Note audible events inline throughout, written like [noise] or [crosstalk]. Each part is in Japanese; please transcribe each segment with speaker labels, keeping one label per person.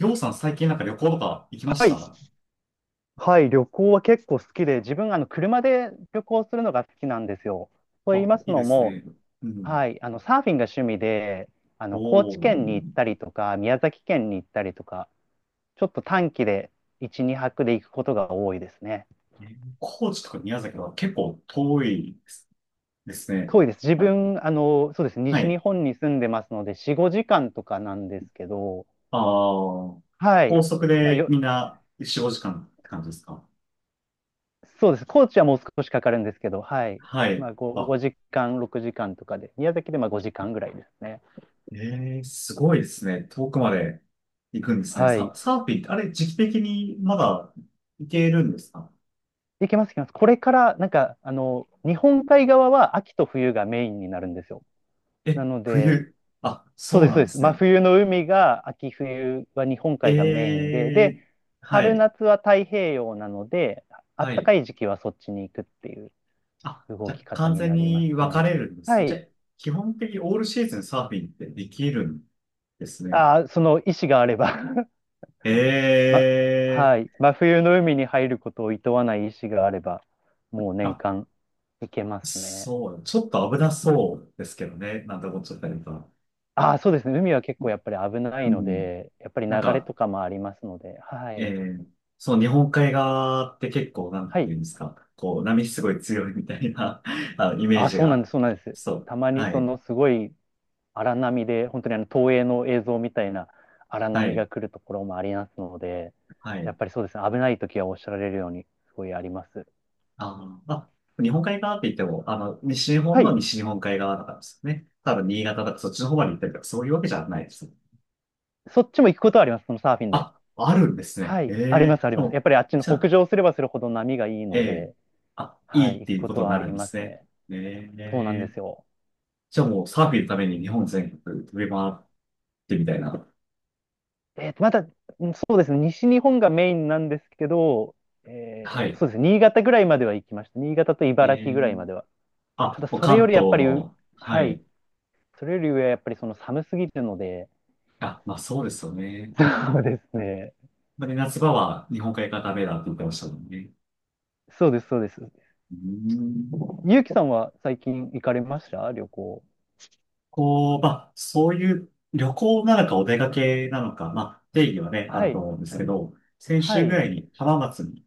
Speaker 1: りょうさん最近なんか旅行とか行きまし
Speaker 2: はい。
Speaker 1: た？
Speaker 2: はい。旅行は結構好きで、自分、車で旅行するのが好きなんですよ。と言い
Speaker 1: あ、
Speaker 2: ます
Speaker 1: いい
Speaker 2: の
Speaker 1: です
Speaker 2: も、
Speaker 1: ね。うん。
Speaker 2: はい。サーフィンが趣味で、
Speaker 1: お
Speaker 2: 高知
Speaker 1: お。
Speaker 2: 県に行ったりとか、宮崎県に行ったりとか、ちょっと短期で1、2泊で行くことが多いですね。
Speaker 1: え、高知とか宮崎は結構遠いですね。
Speaker 2: 遠いです。自
Speaker 1: はい。
Speaker 2: 分、そうです。
Speaker 1: は
Speaker 2: 西日
Speaker 1: い。
Speaker 2: 本に住んでますので、4、5時間とかなんですけど、
Speaker 1: ああ、
Speaker 2: は
Speaker 1: 高
Speaker 2: い。
Speaker 1: 速
Speaker 2: まあ、
Speaker 1: でみんな4、5時間って感じですか？
Speaker 2: そうです。高知はもう少しかかるんですけど、はい。
Speaker 1: は
Speaker 2: ま
Speaker 1: い。
Speaker 2: あ、5、
Speaker 1: あ、
Speaker 2: 時間、6時間とかで、宮崎でまあ5時間ぐらいですね。
Speaker 1: ええ、すごいですね。遠くまで行くんですね。
Speaker 2: はい。
Speaker 1: サーフィンって、あれ、時期的にまだ行けるんですか？
Speaker 2: いけます、いけます。これから、なんか、日本海側は秋と冬がメインになるんですよ。
Speaker 1: え、
Speaker 2: なので、
Speaker 1: 冬。あ、
Speaker 2: そう
Speaker 1: そ
Speaker 2: で
Speaker 1: う
Speaker 2: す、
Speaker 1: な
Speaker 2: そう
Speaker 1: ん
Speaker 2: で
Speaker 1: で
Speaker 2: す。
Speaker 1: す
Speaker 2: 真
Speaker 1: ね。
Speaker 2: 冬の海が、秋冬は日本海がメインで、
Speaker 1: え
Speaker 2: で、
Speaker 1: え、は
Speaker 2: 春
Speaker 1: い。
Speaker 2: 夏は太平洋なので、あ
Speaker 1: は
Speaker 2: ったか
Speaker 1: い。
Speaker 2: い時期はそっちに行くっていう
Speaker 1: あ、
Speaker 2: 動
Speaker 1: じゃ
Speaker 2: き
Speaker 1: あ
Speaker 2: 方
Speaker 1: 完
Speaker 2: に
Speaker 1: 全
Speaker 2: なりま
Speaker 1: に
Speaker 2: す
Speaker 1: 分か
Speaker 2: ね。
Speaker 1: れるんです
Speaker 2: は
Speaker 1: ね。じゃあ、
Speaker 2: い。
Speaker 1: 基本的にオールシーズンサーフィンってできるんですね。
Speaker 2: ああ、その意思があれば。 [laughs]
Speaker 1: え
Speaker 2: ま、は
Speaker 1: え。
Speaker 2: い。真冬の海に入ることを厭わない意思があれば、もう年
Speaker 1: あ、
Speaker 2: 間行けますね。
Speaker 1: そう、ちょっと危なそうですけどね、なんて思っちゃったりとか。
Speaker 2: ああ、そうですね。海は結構やっぱり危な
Speaker 1: う
Speaker 2: いの
Speaker 1: ん。
Speaker 2: で、やっぱり
Speaker 1: なん
Speaker 2: 流れ
Speaker 1: か、
Speaker 2: とかもありますので、は
Speaker 1: え
Speaker 2: い。
Speaker 1: え、その日本海側って結構、なん
Speaker 2: は
Speaker 1: てい
Speaker 2: い。
Speaker 1: うんですか。こう、波すごい強いみたいな [laughs] あのイメー
Speaker 2: あ、
Speaker 1: ジ
Speaker 2: そうなんで
Speaker 1: が。
Speaker 2: す、そうなんです。
Speaker 1: そう。
Speaker 2: たまに
Speaker 1: は
Speaker 2: そ
Speaker 1: い。
Speaker 2: のすごい荒波で、本当にあの東映の映像みたいな荒
Speaker 1: は
Speaker 2: 波
Speaker 1: い。
Speaker 2: が来るところもありますので、
Speaker 1: は
Speaker 2: や
Speaker 1: い。
Speaker 2: っぱりそうですね。危ない時はおっしゃられるように、すごいあります。
Speaker 1: あー、まあ、日本海側って言っても、西日
Speaker 2: は
Speaker 1: 本の
Speaker 2: い。
Speaker 1: 西日本海側だからですよね。多分新潟とかそっちの方まで行ったりとか、そういうわけじゃないです。
Speaker 2: そっちも行くことはあります、そのサーフィンで。
Speaker 1: あ、あるんですね。
Speaker 2: は
Speaker 1: え
Speaker 2: い。あります、
Speaker 1: え、
Speaker 2: あり
Speaker 1: で
Speaker 2: ます。やっ
Speaker 1: も、
Speaker 2: ぱりあっちの
Speaker 1: じゃ
Speaker 2: 北
Speaker 1: あ、
Speaker 2: 上すればするほど波がいい
Speaker 1: え
Speaker 2: の
Speaker 1: え、
Speaker 2: で、
Speaker 1: あ、い
Speaker 2: は
Speaker 1: い
Speaker 2: い。
Speaker 1: っ
Speaker 2: 行
Speaker 1: て
Speaker 2: く
Speaker 1: いう
Speaker 2: こ
Speaker 1: こ
Speaker 2: と
Speaker 1: とに
Speaker 2: はあ
Speaker 1: なる
Speaker 2: り
Speaker 1: んで
Speaker 2: ま
Speaker 1: す
Speaker 2: す
Speaker 1: ね。
Speaker 2: ね。
Speaker 1: え
Speaker 2: そうなんで
Speaker 1: え、
Speaker 2: すよ。
Speaker 1: じゃあもうサーフィンのために日本全国飛び回ってみたいな。
Speaker 2: えーと、まだ、うん、そうですね、西日本がメインなんですけど、
Speaker 1: はい。
Speaker 2: そうですね、新潟ぐらいまでは行きました。新潟と
Speaker 1: え
Speaker 2: 茨城
Speaker 1: え、
Speaker 2: ぐらいまでは。た
Speaker 1: あ、
Speaker 2: だ、
Speaker 1: もう
Speaker 2: それ
Speaker 1: 関
Speaker 2: より
Speaker 1: 東
Speaker 2: やっぱりう、
Speaker 1: の、は
Speaker 2: はい、
Speaker 1: い。
Speaker 2: それより上はやっぱりその寒すぎるので、
Speaker 1: あ、まあそうですよね。
Speaker 2: [laughs] そうですね、
Speaker 1: まあね、夏場は日本海側ダメだって言ってましたもんね。
Speaker 2: そうです、そうです。
Speaker 1: うーん。
Speaker 2: ゆうきさんは最近行かれました旅行？
Speaker 1: こう、まあ、そういう旅行なのかお出かけなのか、まあ、定義はね、あ
Speaker 2: は
Speaker 1: ると
Speaker 2: い、
Speaker 1: 思うんですけど、先
Speaker 2: は
Speaker 1: 週ぐら
Speaker 2: い。
Speaker 1: いに浜松に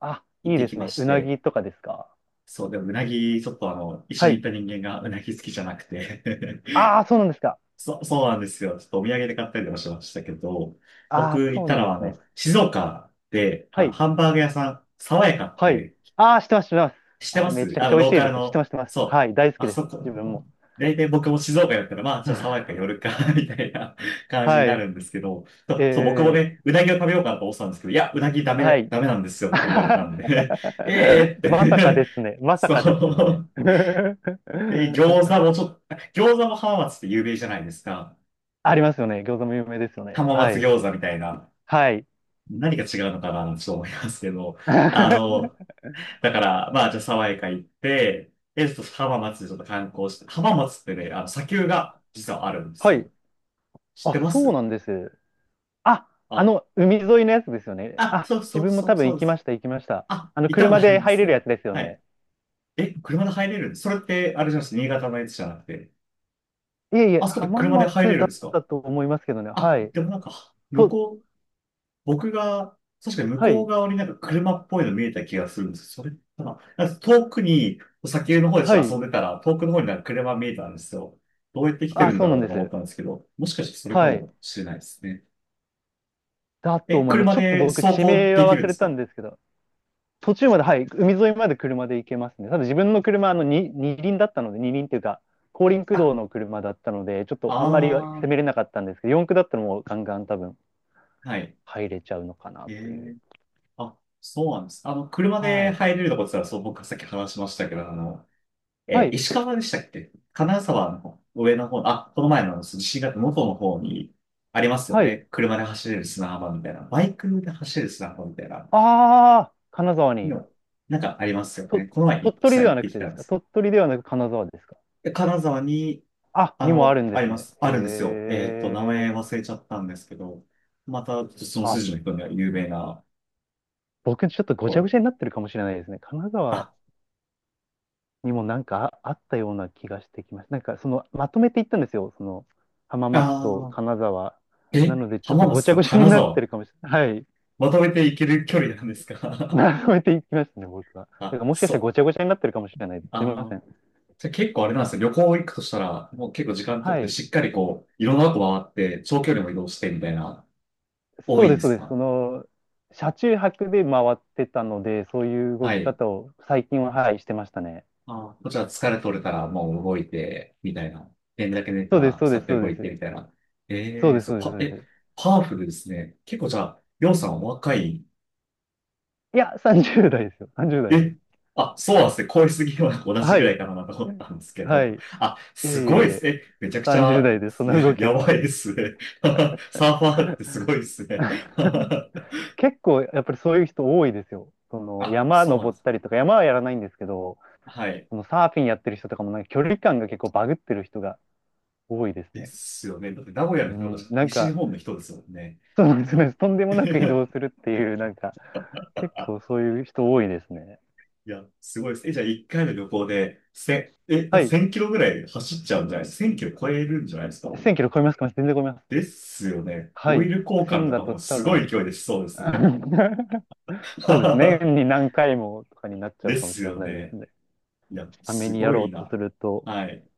Speaker 2: あ、
Speaker 1: 行っ
Speaker 2: いい
Speaker 1: て
Speaker 2: で
Speaker 1: き
Speaker 2: す
Speaker 1: ま
Speaker 2: ね。う
Speaker 1: し
Speaker 2: な
Speaker 1: て、
Speaker 2: ぎとかですか？
Speaker 1: そう、でもうなぎ、ちょっと一
Speaker 2: は
Speaker 1: 緒に行
Speaker 2: い。
Speaker 1: った人間がうなぎ好きじゃなくて
Speaker 2: ああ、そうなんですか？
Speaker 1: [laughs] そうなんですよ。ちょっとお土産で買ったりとかしましたけど、
Speaker 2: あ
Speaker 1: 僕
Speaker 2: あ、
Speaker 1: 行っ
Speaker 2: そう
Speaker 1: た
Speaker 2: なん
Speaker 1: の
Speaker 2: で
Speaker 1: は
Speaker 2: すね。
Speaker 1: 静岡で、
Speaker 2: はい。
Speaker 1: ハンバーグ屋さん、爽やかっ
Speaker 2: はい。
Speaker 1: て
Speaker 2: ああ、知ってます、知ってます。
Speaker 1: して
Speaker 2: あれ
Speaker 1: ま
Speaker 2: め
Speaker 1: す、
Speaker 2: ちゃくちゃ美味
Speaker 1: ロ
Speaker 2: し
Speaker 1: ー
Speaker 2: い
Speaker 1: カ
Speaker 2: で
Speaker 1: ル
Speaker 2: すね。知って
Speaker 1: の、
Speaker 2: ます、知ってます。
Speaker 1: そ
Speaker 2: は
Speaker 1: う。
Speaker 2: い。大好き
Speaker 1: あ
Speaker 2: です。
Speaker 1: そこ。
Speaker 2: 自分も。
Speaker 1: 大体僕も静岡だったら、まあ、じゃあ爽や
Speaker 2: [laughs]
Speaker 1: か寄るか [laughs] みたいな感じに
Speaker 2: は
Speaker 1: な
Speaker 2: い。
Speaker 1: るんですけど、とそう、そう僕も
Speaker 2: え
Speaker 1: ね、うなぎを食べようかなと思ってたんですけど、いや、うなぎダ
Speaker 2: は
Speaker 1: メ、
Speaker 2: い。
Speaker 1: ダメなんですよって言われたんで [laughs]、ええ
Speaker 2: [laughs]
Speaker 1: ー
Speaker 2: まさか
Speaker 1: って
Speaker 2: ですね。
Speaker 1: [laughs]
Speaker 2: まさ
Speaker 1: そ
Speaker 2: かですよね。
Speaker 1: う。で、
Speaker 2: [laughs]
Speaker 1: 餃子も浜松って有名じゃないですか。
Speaker 2: ありますよね。餃子も有名ですよね。
Speaker 1: 浜
Speaker 2: は
Speaker 1: 松
Speaker 2: い。
Speaker 1: 餃子みたいな。
Speaker 2: はい。
Speaker 1: 何が違うのかな、ちょっと思いますけど、あの、
Speaker 2: [laughs]
Speaker 1: だから、まあ、じゃあ、爽やか行って、え、ちょっと浜松でちょっと観光して、浜松ってね、砂丘が実はあるんです
Speaker 2: はい。
Speaker 1: よ。知っ
Speaker 2: あ、
Speaker 1: てま
Speaker 2: そう
Speaker 1: す？
Speaker 2: なんです。あ、あ
Speaker 1: あ、
Speaker 2: の、海沿いのやつですよね。
Speaker 1: あ、
Speaker 2: あ、
Speaker 1: そう
Speaker 2: 自
Speaker 1: そう
Speaker 2: 分も
Speaker 1: そ
Speaker 2: 多
Speaker 1: う、
Speaker 2: 分
Speaker 1: そ
Speaker 2: 行
Speaker 1: うで
Speaker 2: きま
Speaker 1: す。
Speaker 2: した、行きました。
Speaker 1: あ、行ったこ
Speaker 2: 車
Speaker 1: とある
Speaker 2: で
Speaker 1: んで
Speaker 2: 入
Speaker 1: す
Speaker 2: れる
Speaker 1: ね。
Speaker 2: やつですよ
Speaker 1: は
Speaker 2: ね。
Speaker 1: い。え、車で入れるんです？それって、あれじゃないです？新潟のやつじゃなくて。
Speaker 2: いえいえ、
Speaker 1: あ、そこで
Speaker 2: 浜
Speaker 1: 車で入れ
Speaker 2: 松
Speaker 1: る
Speaker 2: だ
Speaker 1: ん
Speaker 2: っ
Speaker 1: ですか？
Speaker 2: たと思いますけどね。
Speaker 1: あ、
Speaker 2: はい。
Speaker 1: でもなんか、
Speaker 2: と、
Speaker 1: 僕が、確かに向
Speaker 2: は
Speaker 1: こう
Speaker 2: い、
Speaker 1: 側になんか車っぽいの見えた気がするんですよ。それかな、なんか遠くに、先の方でち
Speaker 2: は
Speaker 1: ょっと遊ん
Speaker 2: い。
Speaker 1: でたら、遠くの方になんか車見えたんですよ。どうやって来て
Speaker 2: あ、
Speaker 1: るん
Speaker 2: そ
Speaker 1: だ
Speaker 2: うな
Speaker 1: ろう
Speaker 2: ん
Speaker 1: と
Speaker 2: で
Speaker 1: か思っ
Speaker 2: す。
Speaker 1: たんですけど、もしかしてそれか
Speaker 2: はい。
Speaker 1: もしれないですね。
Speaker 2: だと
Speaker 1: え、
Speaker 2: 思います。
Speaker 1: 車
Speaker 2: ちょっと
Speaker 1: で
Speaker 2: 僕、
Speaker 1: 走
Speaker 2: 地
Speaker 1: 行
Speaker 2: 名
Speaker 1: でき
Speaker 2: は
Speaker 1: るん
Speaker 2: 忘
Speaker 1: で
Speaker 2: れ
Speaker 1: す
Speaker 2: たん
Speaker 1: か？
Speaker 2: ですけど、途中まで、はい、海沿いまで車で行けますね。ただ自分の車、に二輪だったので、二輪っていうか、後輪駆
Speaker 1: あ、
Speaker 2: 動の車だったので、ちょっとあんまり攻
Speaker 1: ああ、
Speaker 2: めれなかったんですけど、四駆だったらもうガンガン多分
Speaker 1: はい。
Speaker 2: 入れちゃうのかな
Speaker 1: え
Speaker 2: という。
Speaker 1: え、あ、そうなんです。車
Speaker 2: は
Speaker 1: で
Speaker 2: い。
Speaker 1: 入れるとこって言ったら、そう、僕がさっき話しましたけど、
Speaker 2: はい。
Speaker 1: 石川でしたっけ、金沢の方、上の方、あ、この前のあの新潟の元の方にありますよ
Speaker 2: はい。
Speaker 1: ね。車で走れる砂浜みたいな。バイクで走れる砂浜みたいな。
Speaker 2: ああ、金沢に。
Speaker 1: の、なんかありますよ
Speaker 2: と、
Speaker 1: ね。この前実
Speaker 2: 鳥取で
Speaker 1: 際
Speaker 2: は
Speaker 1: 行っ
Speaker 2: な
Speaker 1: て
Speaker 2: く
Speaker 1: き
Speaker 2: てで
Speaker 1: たん
Speaker 2: す
Speaker 1: で
Speaker 2: か？
Speaker 1: す。
Speaker 2: 鳥取ではなく金沢ですか？
Speaker 1: で金沢に、
Speaker 2: あ、にもあるんで
Speaker 1: あり
Speaker 2: す
Speaker 1: ま
Speaker 2: ね。
Speaker 1: す。あるんですよ。
Speaker 2: へ
Speaker 1: えっと、名
Speaker 2: え。
Speaker 1: 前忘れちゃったんですけど、また、その
Speaker 2: あ、
Speaker 1: 筋の人には有名な
Speaker 2: 僕ちょっとご
Speaker 1: と
Speaker 2: ちゃ
Speaker 1: こ
Speaker 2: ご
Speaker 1: ろ。
Speaker 2: ちゃになってるかもしれないですね。神奈川
Speaker 1: あ、
Speaker 2: にもなんかあったような気がしてきました。なんかそのまとめていったんですよ。その浜松と
Speaker 1: あ
Speaker 2: 金沢。
Speaker 1: ー、
Speaker 2: な
Speaker 1: え、
Speaker 2: のでちょっ
Speaker 1: 浜
Speaker 2: とご
Speaker 1: 松
Speaker 2: ちゃ
Speaker 1: と
Speaker 2: ごちゃに
Speaker 1: 金
Speaker 2: なって
Speaker 1: 沢、
Speaker 2: るかもしれない。はい。
Speaker 1: まとめて行ける距離なんです
Speaker 2: [laughs]
Speaker 1: か？
Speaker 2: まとめていきましたね、僕は。
Speaker 1: [laughs]
Speaker 2: だ
Speaker 1: あ、
Speaker 2: からもしかし
Speaker 1: そ
Speaker 2: たらご
Speaker 1: う。
Speaker 2: ちゃごちゃになってるかもしれないです。すみま
Speaker 1: あ
Speaker 2: せ
Speaker 1: ー、
Speaker 2: ん。
Speaker 1: じゃあ結構あれなんですよ。旅行行くとしたら、もう結構時間取
Speaker 2: は
Speaker 1: って、
Speaker 2: い。
Speaker 1: しっかりこう、いろんなとこ回って、長距離も移動してみたいな、多
Speaker 2: そう
Speaker 1: いん
Speaker 2: で
Speaker 1: で
Speaker 2: す、そう
Speaker 1: す
Speaker 2: です。
Speaker 1: か？
Speaker 2: 車中泊で回ってたので、そういう動
Speaker 1: は
Speaker 2: き
Speaker 1: い。
Speaker 2: 方を最近は、はい、してましたね。
Speaker 1: ああ、こっちは疲れ取れたら、もう動いて、みたいな。連だけ寝た
Speaker 2: そうです、
Speaker 1: ら、
Speaker 2: そう
Speaker 1: さ
Speaker 2: で
Speaker 1: っ
Speaker 2: す、
Speaker 1: と
Speaker 2: そう
Speaker 1: 動
Speaker 2: で
Speaker 1: いて、
Speaker 2: す。
Speaker 1: みたいな。
Speaker 2: そ
Speaker 1: え
Speaker 2: う
Speaker 1: え、
Speaker 2: です、
Speaker 1: そ
Speaker 2: そ
Speaker 1: う、
Speaker 2: うです、そうです。
Speaker 1: パワフルですね。結構じゃあ、りょうさんお若い。
Speaker 2: いや、30代ですよ。30代で
Speaker 1: え、
Speaker 2: す。
Speaker 1: あ、そうなんですね。恋すぎは同じ
Speaker 2: は
Speaker 1: ぐら
Speaker 2: い。
Speaker 1: いかなと思ったんですけ
Speaker 2: は
Speaker 1: ど。
Speaker 2: い。い
Speaker 1: あ、
Speaker 2: えいえ
Speaker 1: すごいで
Speaker 2: い
Speaker 1: す
Speaker 2: え。
Speaker 1: ね。めちゃくち
Speaker 2: 30
Speaker 1: ゃ、
Speaker 2: 代でその動きやっ
Speaker 1: や
Speaker 2: て
Speaker 1: ば
Speaker 2: ます。
Speaker 1: いですね。[laughs] サーファーってすごいですね。
Speaker 2: [laughs]
Speaker 1: [laughs]
Speaker 2: 結構やっぱりそういう人多いですよ。その
Speaker 1: あ、
Speaker 2: 山
Speaker 1: そうなん
Speaker 2: 登
Speaker 1: で
Speaker 2: っ
Speaker 1: す。
Speaker 2: たりとか、山はやらないんですけど、
Speaker 1: はい。
Speaker 2: そのサーフィンやってる人とかもなんか距離感が結構バグってる人が多いです
Speaker 1: で
Speaker 2: ね。
Speaker 1: すよね。だって名古屋
Speaker 2: う
Speaker 1: の人とか、
Speaker 2: ん、なん
Speaker 1: 西日
Speaker 2: か、
Speaker 1: 本の人ですもんね。
Speaker 2: そうで
Speaker 1: い
Speaker 2: す
Speaker 1: や、
Speaker 2: ね、とんでもなく移動す
Speaker 1: [laughs]
Speaker 2: るっていう、なんか、結構そういう人多いですね。
Speaker 1: いや、すごいです。え、じゃあ1回の旅行で、せ、え、
Speaker 2: は
Speaker 1: な
Speaker 2: い。
Speaker 1: 1000キロぐらい走っちゃうんじゃないですか？ 1000 キロ超えるんじゃないですか？
Speaker 2: 1000キロ超えますか？全然超えます。
Speaker 1: ですよね。
Speaker 2: は
Speaker 1: オイ
Speaker 2: い。
Speaker 1: ル交換
Speaker 2: 1000
Speaker 1: と
Speaker 2: だ
Speaker 1: か
Speaker 2: と
Speaker 1: も
Speaker 2: 多
Speaker 1: すごい
Speaker 2: 分、
Speaker 1: 勢いでしそうですね。
Speaker 2: [laughs] そうですね。年
Speaker 1: [laughs]
Speaker 2: に何回もとかになっちゃう
Speaker 1: で
Speaker 2: かも
Speaker 1: す
Speaker 2: しれ
Speaker 1: よ
Speaker 2: ないです
Speaker 1: ね。
Speaker 2: ね。
Speaker 1: いや、
Speaker 2: ため
Speaker 1: す
Speaker 2: にや
Speaker 1: ご
Speaker 2: ろ
Speaker 1: い
Speaker 2: うと
Speaker 1: な。
Speaker 2: すると。
Speaker 1: はい。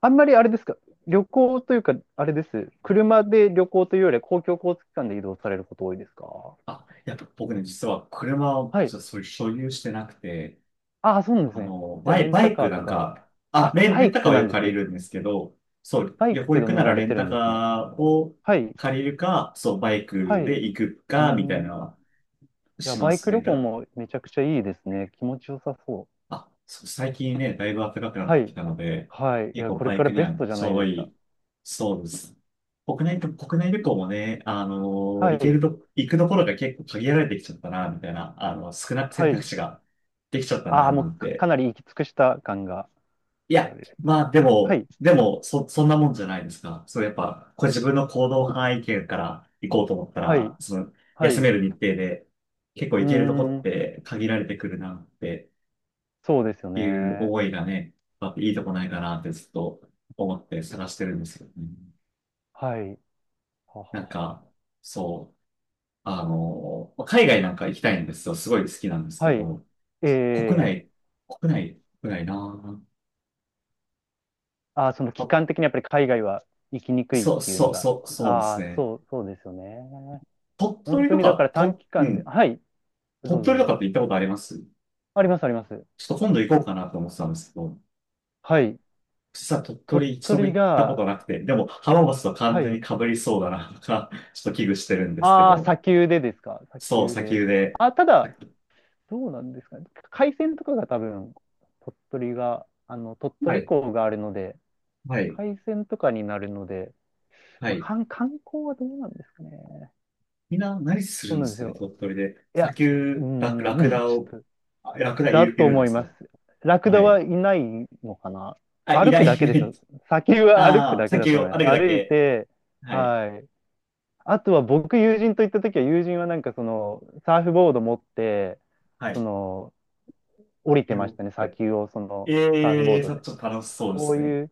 Speaker 2: あんまりあれですか、旅行というか、あれです。車で旅行というよりは公共交通機関で移動されること多いですか？
Speaker 1: あ、やっぱ僕ね、実は車を
Speaker 2: はい。
Speaker 1: ちょっとそういう所有してなくて、
Speaker 2: ああ、そうなんですね。じゃあ、レン
Speaker 1: バ
Speaker 2: タ
Speaker 1: イ
Speaker 2: カ
Speaker 1: ク
Speaker 2: ー
Speaker 1: な
Speaker 2: と
Speaker 1: ん
Speaker 2: か。
Speaker 1: か、あ、
Speaker 2: あ、バ
Speaker 1: レン
Speaker 2: イ
Speaker 1: タカ
Speaker 2: ク
Speaker 1: ーは
Speaker 2: な
Speaker 1: よ
Speaker 2: ん
Speaker 1: く
Speaker 2: です
Speaker 1: 借り
Speaker 2: ね。
Speaker 1: るんですけど、そう、
Speaker 2: バイ
Speaker 1: 旅
Speaker 2: ク
Speaker 1: 行
Speaker 2: け
Speaker 1: 行
Speaker 2: ど
Speaker 1: く
Speaker 2: 乗
Speaker 1: なら
Speaker 2: られ
Speaker 1: レ
Speaker 2: て
Speaker 1: ン
Speaker 2: る
Speaker 1: タ
Speaker 2: んですね。
Speaker 1: カーを
Speaker 2: はい。
Speaker 1: 借りるか、そう、バイ
Speaker 2: は
Speaker 1: ク
Speaker 2: い。う
Speaker 1: で行く
Speaker 2: ー
Speaker 1: か、みたい
Speaker 2: ん。
Speaker 1: な
Speaker 2: い
Speaker 1: のは
Speaker 2: や、
Speaker 1: しま
Speaker 2: バイ
Speaker 1: す
Speaker 2: ク
Speaker 1: ね。
Speaker 2: 旅行もめちゃくちゃいいですね。気持ちよさそう。
Speaker 1: あ、そう、最近ね、だいぶ暖かくなっ
Speaker 2: は
Speaker 1: てき
Speaker 2: い。
Speaker 1: たので、
Speaker 2: はい。い
Speaker 1: 結
Speaker 2: や、
Speaker 1: 構
Speaker 2: これ
Speaker 1: バイ
Speaker 2: から
Speaker 1: クに
Speaker 2: ベ
Speaker 1: は
Speaker 2: ストじゃ
Speaker 1: ち
Speaker 2: な
Speaker 1: ょう
Speaker 2: い
Speaker 1: ど
Speaker 2: です
Speaker 1: い
Speaker 2: か。
Speaker 1: い。そうです。国内旅行もね、
Speaker 2: はい。
Speaker 1: 行くところが結構限られてきちゃったな、みたいな、少なく
Speaker 2: は
Speaker 1: 選択
Speaker 2: い。
Speaker 1: 肢ができちゃった
Speaker 2: あ
Speaker 1: な、
Speaker 2: あ、も
Speaker 1: な
Speaker 2: う
Speaker 1: ん
Speaker 2: か、か
Speaker 1: て。
Speaker 2: なり行き尽くした感が
Speaker 1: い
Speaker 2: あ
Speaker 1: や、
Speaker 2: る。
Speaker 1: まあで
Speaker 2: は
Speaker 1: も、
Speaker 2: い、
Speaker 1: でも、そ、そんなもんじゃないですか。そう、やっぱ、これ自分の行動範囲圏から行こうと思った
Speaker 2: はい、
Speaker 1: ら、その、
Speaker 2: はい。
Speaker 1: 休め
Speaker 2: う
Speaker 1: る日程で、結構
Speaker 2: ー
Speaker 1: 行けるとこっ
Speaker 2: ん、
Speaker 1: て限られてくるなって
Speaker 2: そうですよ
Speaker 1: いう
Speaker 2: ね。
Speaker 1: 思いがね、やっぱいいとこないかなってずっと思って探してるんですよね。
Speaker 2: はい。は
Speaker 1: な
Speaker 2: は
Speaker 1: ん
Speaker 2: は。
Speaker 1: か、そう、海外なんか行きたいんですよ。すごい好きなんですけ
Speaker 2: は
Speaker 1: ど、
Speaker 2: い。
Speaker 1: 国
Speaker 2: ええ、
Speaker 1: 内、国内、国内な
Speaker 2: ああ、その
Speaker 1: ぁ。
Speaker 2: 期
Speaker 1: あ、
Speaker 2: 間的にやっぱり海外は行きにくいっ
Speaker 1: そう、
Speaker 2: ていう
Speaker 1: そ
Speaker 2: の
Speaker 1: う、
Speaker 2: が。
Speaker 1: そう、そうで
Speaker 2: あ
Speaker 1: す
Speaker 2: あ、
Speaker 1: ね。
Speaker 2: そう、そうですよね。
Speaker 1: 鳥
Speaker 2: 本
Speaker 1: 取
Speaker 2: 当
Speaker 1: と
Speaker 2: にだか
Speaker 1: か、
Speaker 2: ら短期
Speaker 1: う
Speaker 2: 間で、
Speaker 1: ん。
Speaker 2: はい、ど
Speaker 1: 鳥
Speaker 2: うぞ
Speaker 1: 取と
Speaker 2: どう
Speaker 1: かっ
Speaker 2: ぞ。
Speaker 1: て行ったことあります？
Speaker 2: あります、あります。
Speaker 1: ちょっと今度行こうかなと思ってたんですけど、
Speaker 2: はい。
Speaker 1: 実は鳥
Speaker 2: 鳥
Speaker 1: 取一度も
Speaker 2: 取
Speaker 1: 行ったこ
Speaker 2: が、
Speaker 1: となくて、でも浜松と
Speaker 2: は
Speaker 1: 完全に
Speaker 2: い。
Speaker 1: 被りそうだなとか、[laughs] ちょっと危惧してるんですけ
Speaker 2: ああ、
Speaker 1: ど、
Speaker 2: 砂丘でですか？砂
Speaker 1: そう、
Speaker 2: 丘
Speaker 1: 砂
Speaker 2: で。
Speaker 1: 丘で、
Speaker 2: あ、た
Speaker 1: さ
Speaker 2: だ、どうなんですかね。海鮮とかが多分、鳥取が、鳥
Speaker 1: は
Speaker 2: 取
Speaker 1: い。
Speaker 2: 港があるので、
Speaker 1: はい、
Speaker 2: 海鮮とかになるので、
Speaker 1: は
Speaker 2: まあ、
Speaker 1: い。
Speaker 2: 観観光はどうなんですかね。
Speaker 1: みんな何す
Speaker 2: そ
Speaker 1: る
Speaker 2: う
Speaker 1: ん
Speaker 2: な
Speaker 1: で
Speaker 2: んで
Speaker 1: す
Speaker 2: す
Speaker 1: かね、
Speaker 2: よ。
Speaker 1: 鳥取で。
Speaker 2: い
Speaker 1: 砂
Speaker 2: や、う
Speaker 1: 丘、ラク
Speaker 2: ーん、[laughs]
Speaker 1: ダ
Speaker 2: ち
Speaker 1: を、
Speaker 2: ょっと、
Speaker 1: あ、ラクダ
Speaker 2: だ
Speaker 1: い
Speaker 2: と
Speaker 1: るんで
Speaker 2: 思い
Speaker 1: す
Speaker 2: ま
Speaker 1: か？
Speaker 2: す。ラク
Speaker 1: は
Speaker 2: ダは
Speaker 1: い。
Speaker 2: いないのかな。
Speaker 1: あ、い
Speaker 2: 歩
Speaker 1: な
Speaker 2: く
Speaker 1: い、
Speaker 2: だ
Speaker 1: い
Speaker 2: けで
Speaker 1: な
Speaker 2: す
Speaker 1: い。
Speaker 2: よ。砂丘は歩く
Speaker 1: ああ、
Speaker 2: だけ
Speaker 1: 砂
Speaker 2: だ
Speaker 1: 丘
Speaker 2: と思
Speaker 1: を
Speaker 2: いま
Speaker 1: 歩
Speaker 2: す。
Speaker 1: くだ
Speaker 2: 歩い
Speaker 1: け。
Speaker 2: て、
Speaker 1: はい、
Speaker 2: はい。あとは僕、友人と行った時は、友人はなんかその、サーフボード持って、
Speaker 1: はい。
Speaker 2: そ
Speaker 1: 砂
Speaker 2: の、降りて
Speaker 1: 丘
Speaker 2: まし
Speaker 1: を。
Speaker 2: たね、砂丘をその、サーフ
Speaker 1: え
Speaker 2: ボー
Speaker 1: えー、
Speaker 2: ドで。
Speaker 1: ちょっと楽しそうで
Speaker 2: そう
Speaker 1: す
Speaker 2: い
Speaker 1: ね。
Speaker 2: う、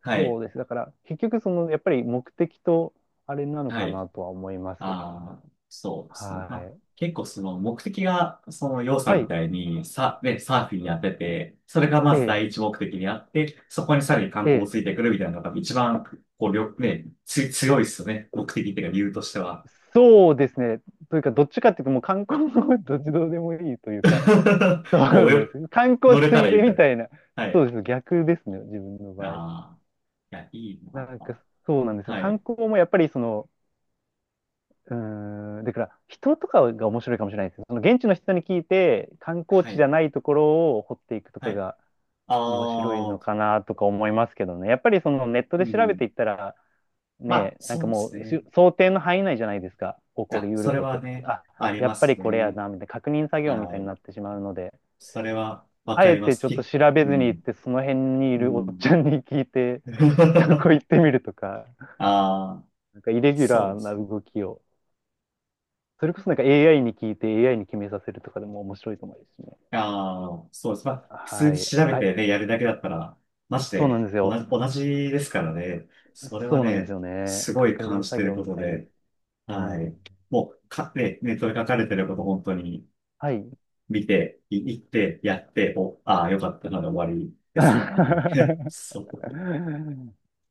Speaker 1: は
Speaker 2: そう
Speaker 1: い。
Speaker 2: です。だから、結局、その、やっぱり目的と、あれなの
Speaker 1: は
Speaker 2: か
Speaker 1: い。
Speaker 2: なとは思います。
Speaker 1: ああ、そうで
Speaker 2: は
Speaker 1: すね。まあ、
Speaker 2: い。
Speaker 1: 結構その目的が、その要さ
Speaker 2: は
Speaker 1: んみ
Speaker 2: い。
Speaker 1: たいに、サーフィンやってて、それが
Speaker 2: え
Speaker 1: まず
Speaker 2: え、
Speaker 1: 第一目的にあって、そこにさらに
Speaker 2: え
Speaker 1: 観光を
Speaker 2: え。
Speaker 1: ついてくるみたいなのが一番、こう、りょ、ね、つ、強いっすよね。目的っていうか理由としては。
Speaker 2: そうですね。というか、どっちかっていうと、もう観光の [laughs] どっちどうでもいいというか、[laughs] そ
Speaker 1: [laughs] も
Speaker 2: うな
Speaker 1: う、
Speaker 2: んですよ。観光
Speaker 1: 乗れ
Speaker 2: つ
Speaker 1: たら
Speaker 2: い
Speaker 1: いい
Speaker 2: で
Speaker 1: みた
Speaker 2: み
Speaker 1: い
Speaker 2: たいな、
Speaker 1: な。は
Speaker 2: そう
Speaker 1: い。
Speaker 2: です。逆ですね、自分の
Speaker 1: あ
Speaker 2: 場合。
Speaker 1: あ、いや、いい
Speaker 2: な
Speaker 1: な。
Speaker 2: んか、そうなんですよ。
Speaker 1: は
Speaker 2: 観
Speaker 1: い。
Speaker 2: 光もやっぱり、その、うーん、だから、人とかが面白いかもしれないです。その現地の人に聞いて、観光
Speaker 1: は
Speaker 2: 地じゃ
Speaker 1: い。
Speaker 2: ないところを掘っていくと
Speaker 1: は
Speaker 2: か
Speaker 1: い。
Speaker 2: が、面白い
Speaker 1: あ
Speaker 2: の
Speaker 1: あ、
Speaker 2: かなとか思いますけどね。やっぱりそのネットで
Speaker 1: う
Speaker 2: 調べて
Speaker 1: ん。
Speaker 2: いったら、
Speaker 1: まあ、
Speaker 2: ね、なん
Speaker 1: そ
Speaker 2: か
Speaker 1: うで
Speaker 2: も
Speaker 1: す
Speaker 2: う
Speaker 1: ね。い
Speaker 2: し想定の範囲内じゃないですか。起こ
Speaker 1: や、
Speaker 2: りう
Speaker 1: そ
Speaker 2: る
Speaker 1: れ
Speaker 2: こと
Speaker 1: は
Speaker 2: って。
Speaker 1: ね、
Speaker 2: あ、
Speaker 1: あり
Speaker 2: や
Speaker 1: ま
Speaker 2: っぱり
Speaker 1: す
Speaker 2: これや
Speaker 1: ね。
Speaker 2: な、みたいな確認作業み
Speaker 1: は
Speaker 2: たいにな
Speaker 1: い。
Speaker 2: ってしまうので、
Speaker 1: それはわ
Speaker 2: あ
Speaker 1: か
Speaker 2: え
Speaker 1: りま
Speaker 2: て
Speaker 1: す。
Speaker 2: ちょっと調べ
Speaker 1: う
Speaker 2: ずに行っ
Speaker 1: ん。
Speaker 2: て、その辺にい
Speaker 1: う
Speaker 2: るおっち
Speaker 1: ん。
Speaker 2: ゃんに聞いて、[laughs] そこ
Speaker 1: [laughs]
Speaker 2: 行ってみるとか、
Speaker 1: ああ、
Speaker 2: なんかイレギュ
Speaker 1: そう
Speaker 2: ラ
Speaker 1: で
Speaker 2: ーな
Speaker 1: すね。
Speaker 2: 動きを、それこそなんか AI に聞いて AI に決めさせるとかでも面白いと思いますしね。
Speaker 1: ああ、そうです。まあ、普通
Speaker 2: は
Speaker 1: に
Speaker 2: い。
Speaker 1: 調べ
Speaker 2: あ、
Speaker 1: てね、やるだけだったら、まし
Speaker 2: そうなん
Speaker 1: て、
Speaker 2: です
Speaker 1: 同
Speaker 2: よ。
Speaker 1: じ、同じですからね。それは
Speaker 2: そうなんです
Speaker 1: ね、
Speaker 2: よね。
Speaker 1: すごい
Speaker 2: 確
Speaker 1: 感
Speaker 2: 認
Speaker 1: じ
Speaker 2: 作
Speaker 1: てる
Speaker 2: 業
Speaker 1: こ
Speaker 2: み
Speaker 1: と
Speaker 2: たいに。
Speaker 1: で、
Speaker 2: う
Speaker 1: は
Speaker 2: ん。
Speaker 1: い。もう、ネットで書かれてること本当に
Speaker 2: はい。
Speaker 1: 見て、行って、やって、ああ、よかったなで終わりですもんね。[laughs]
Speaker 2: [laughs]
Speaker 1: そう。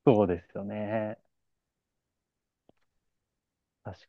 Speaker 2: そうですよね。確か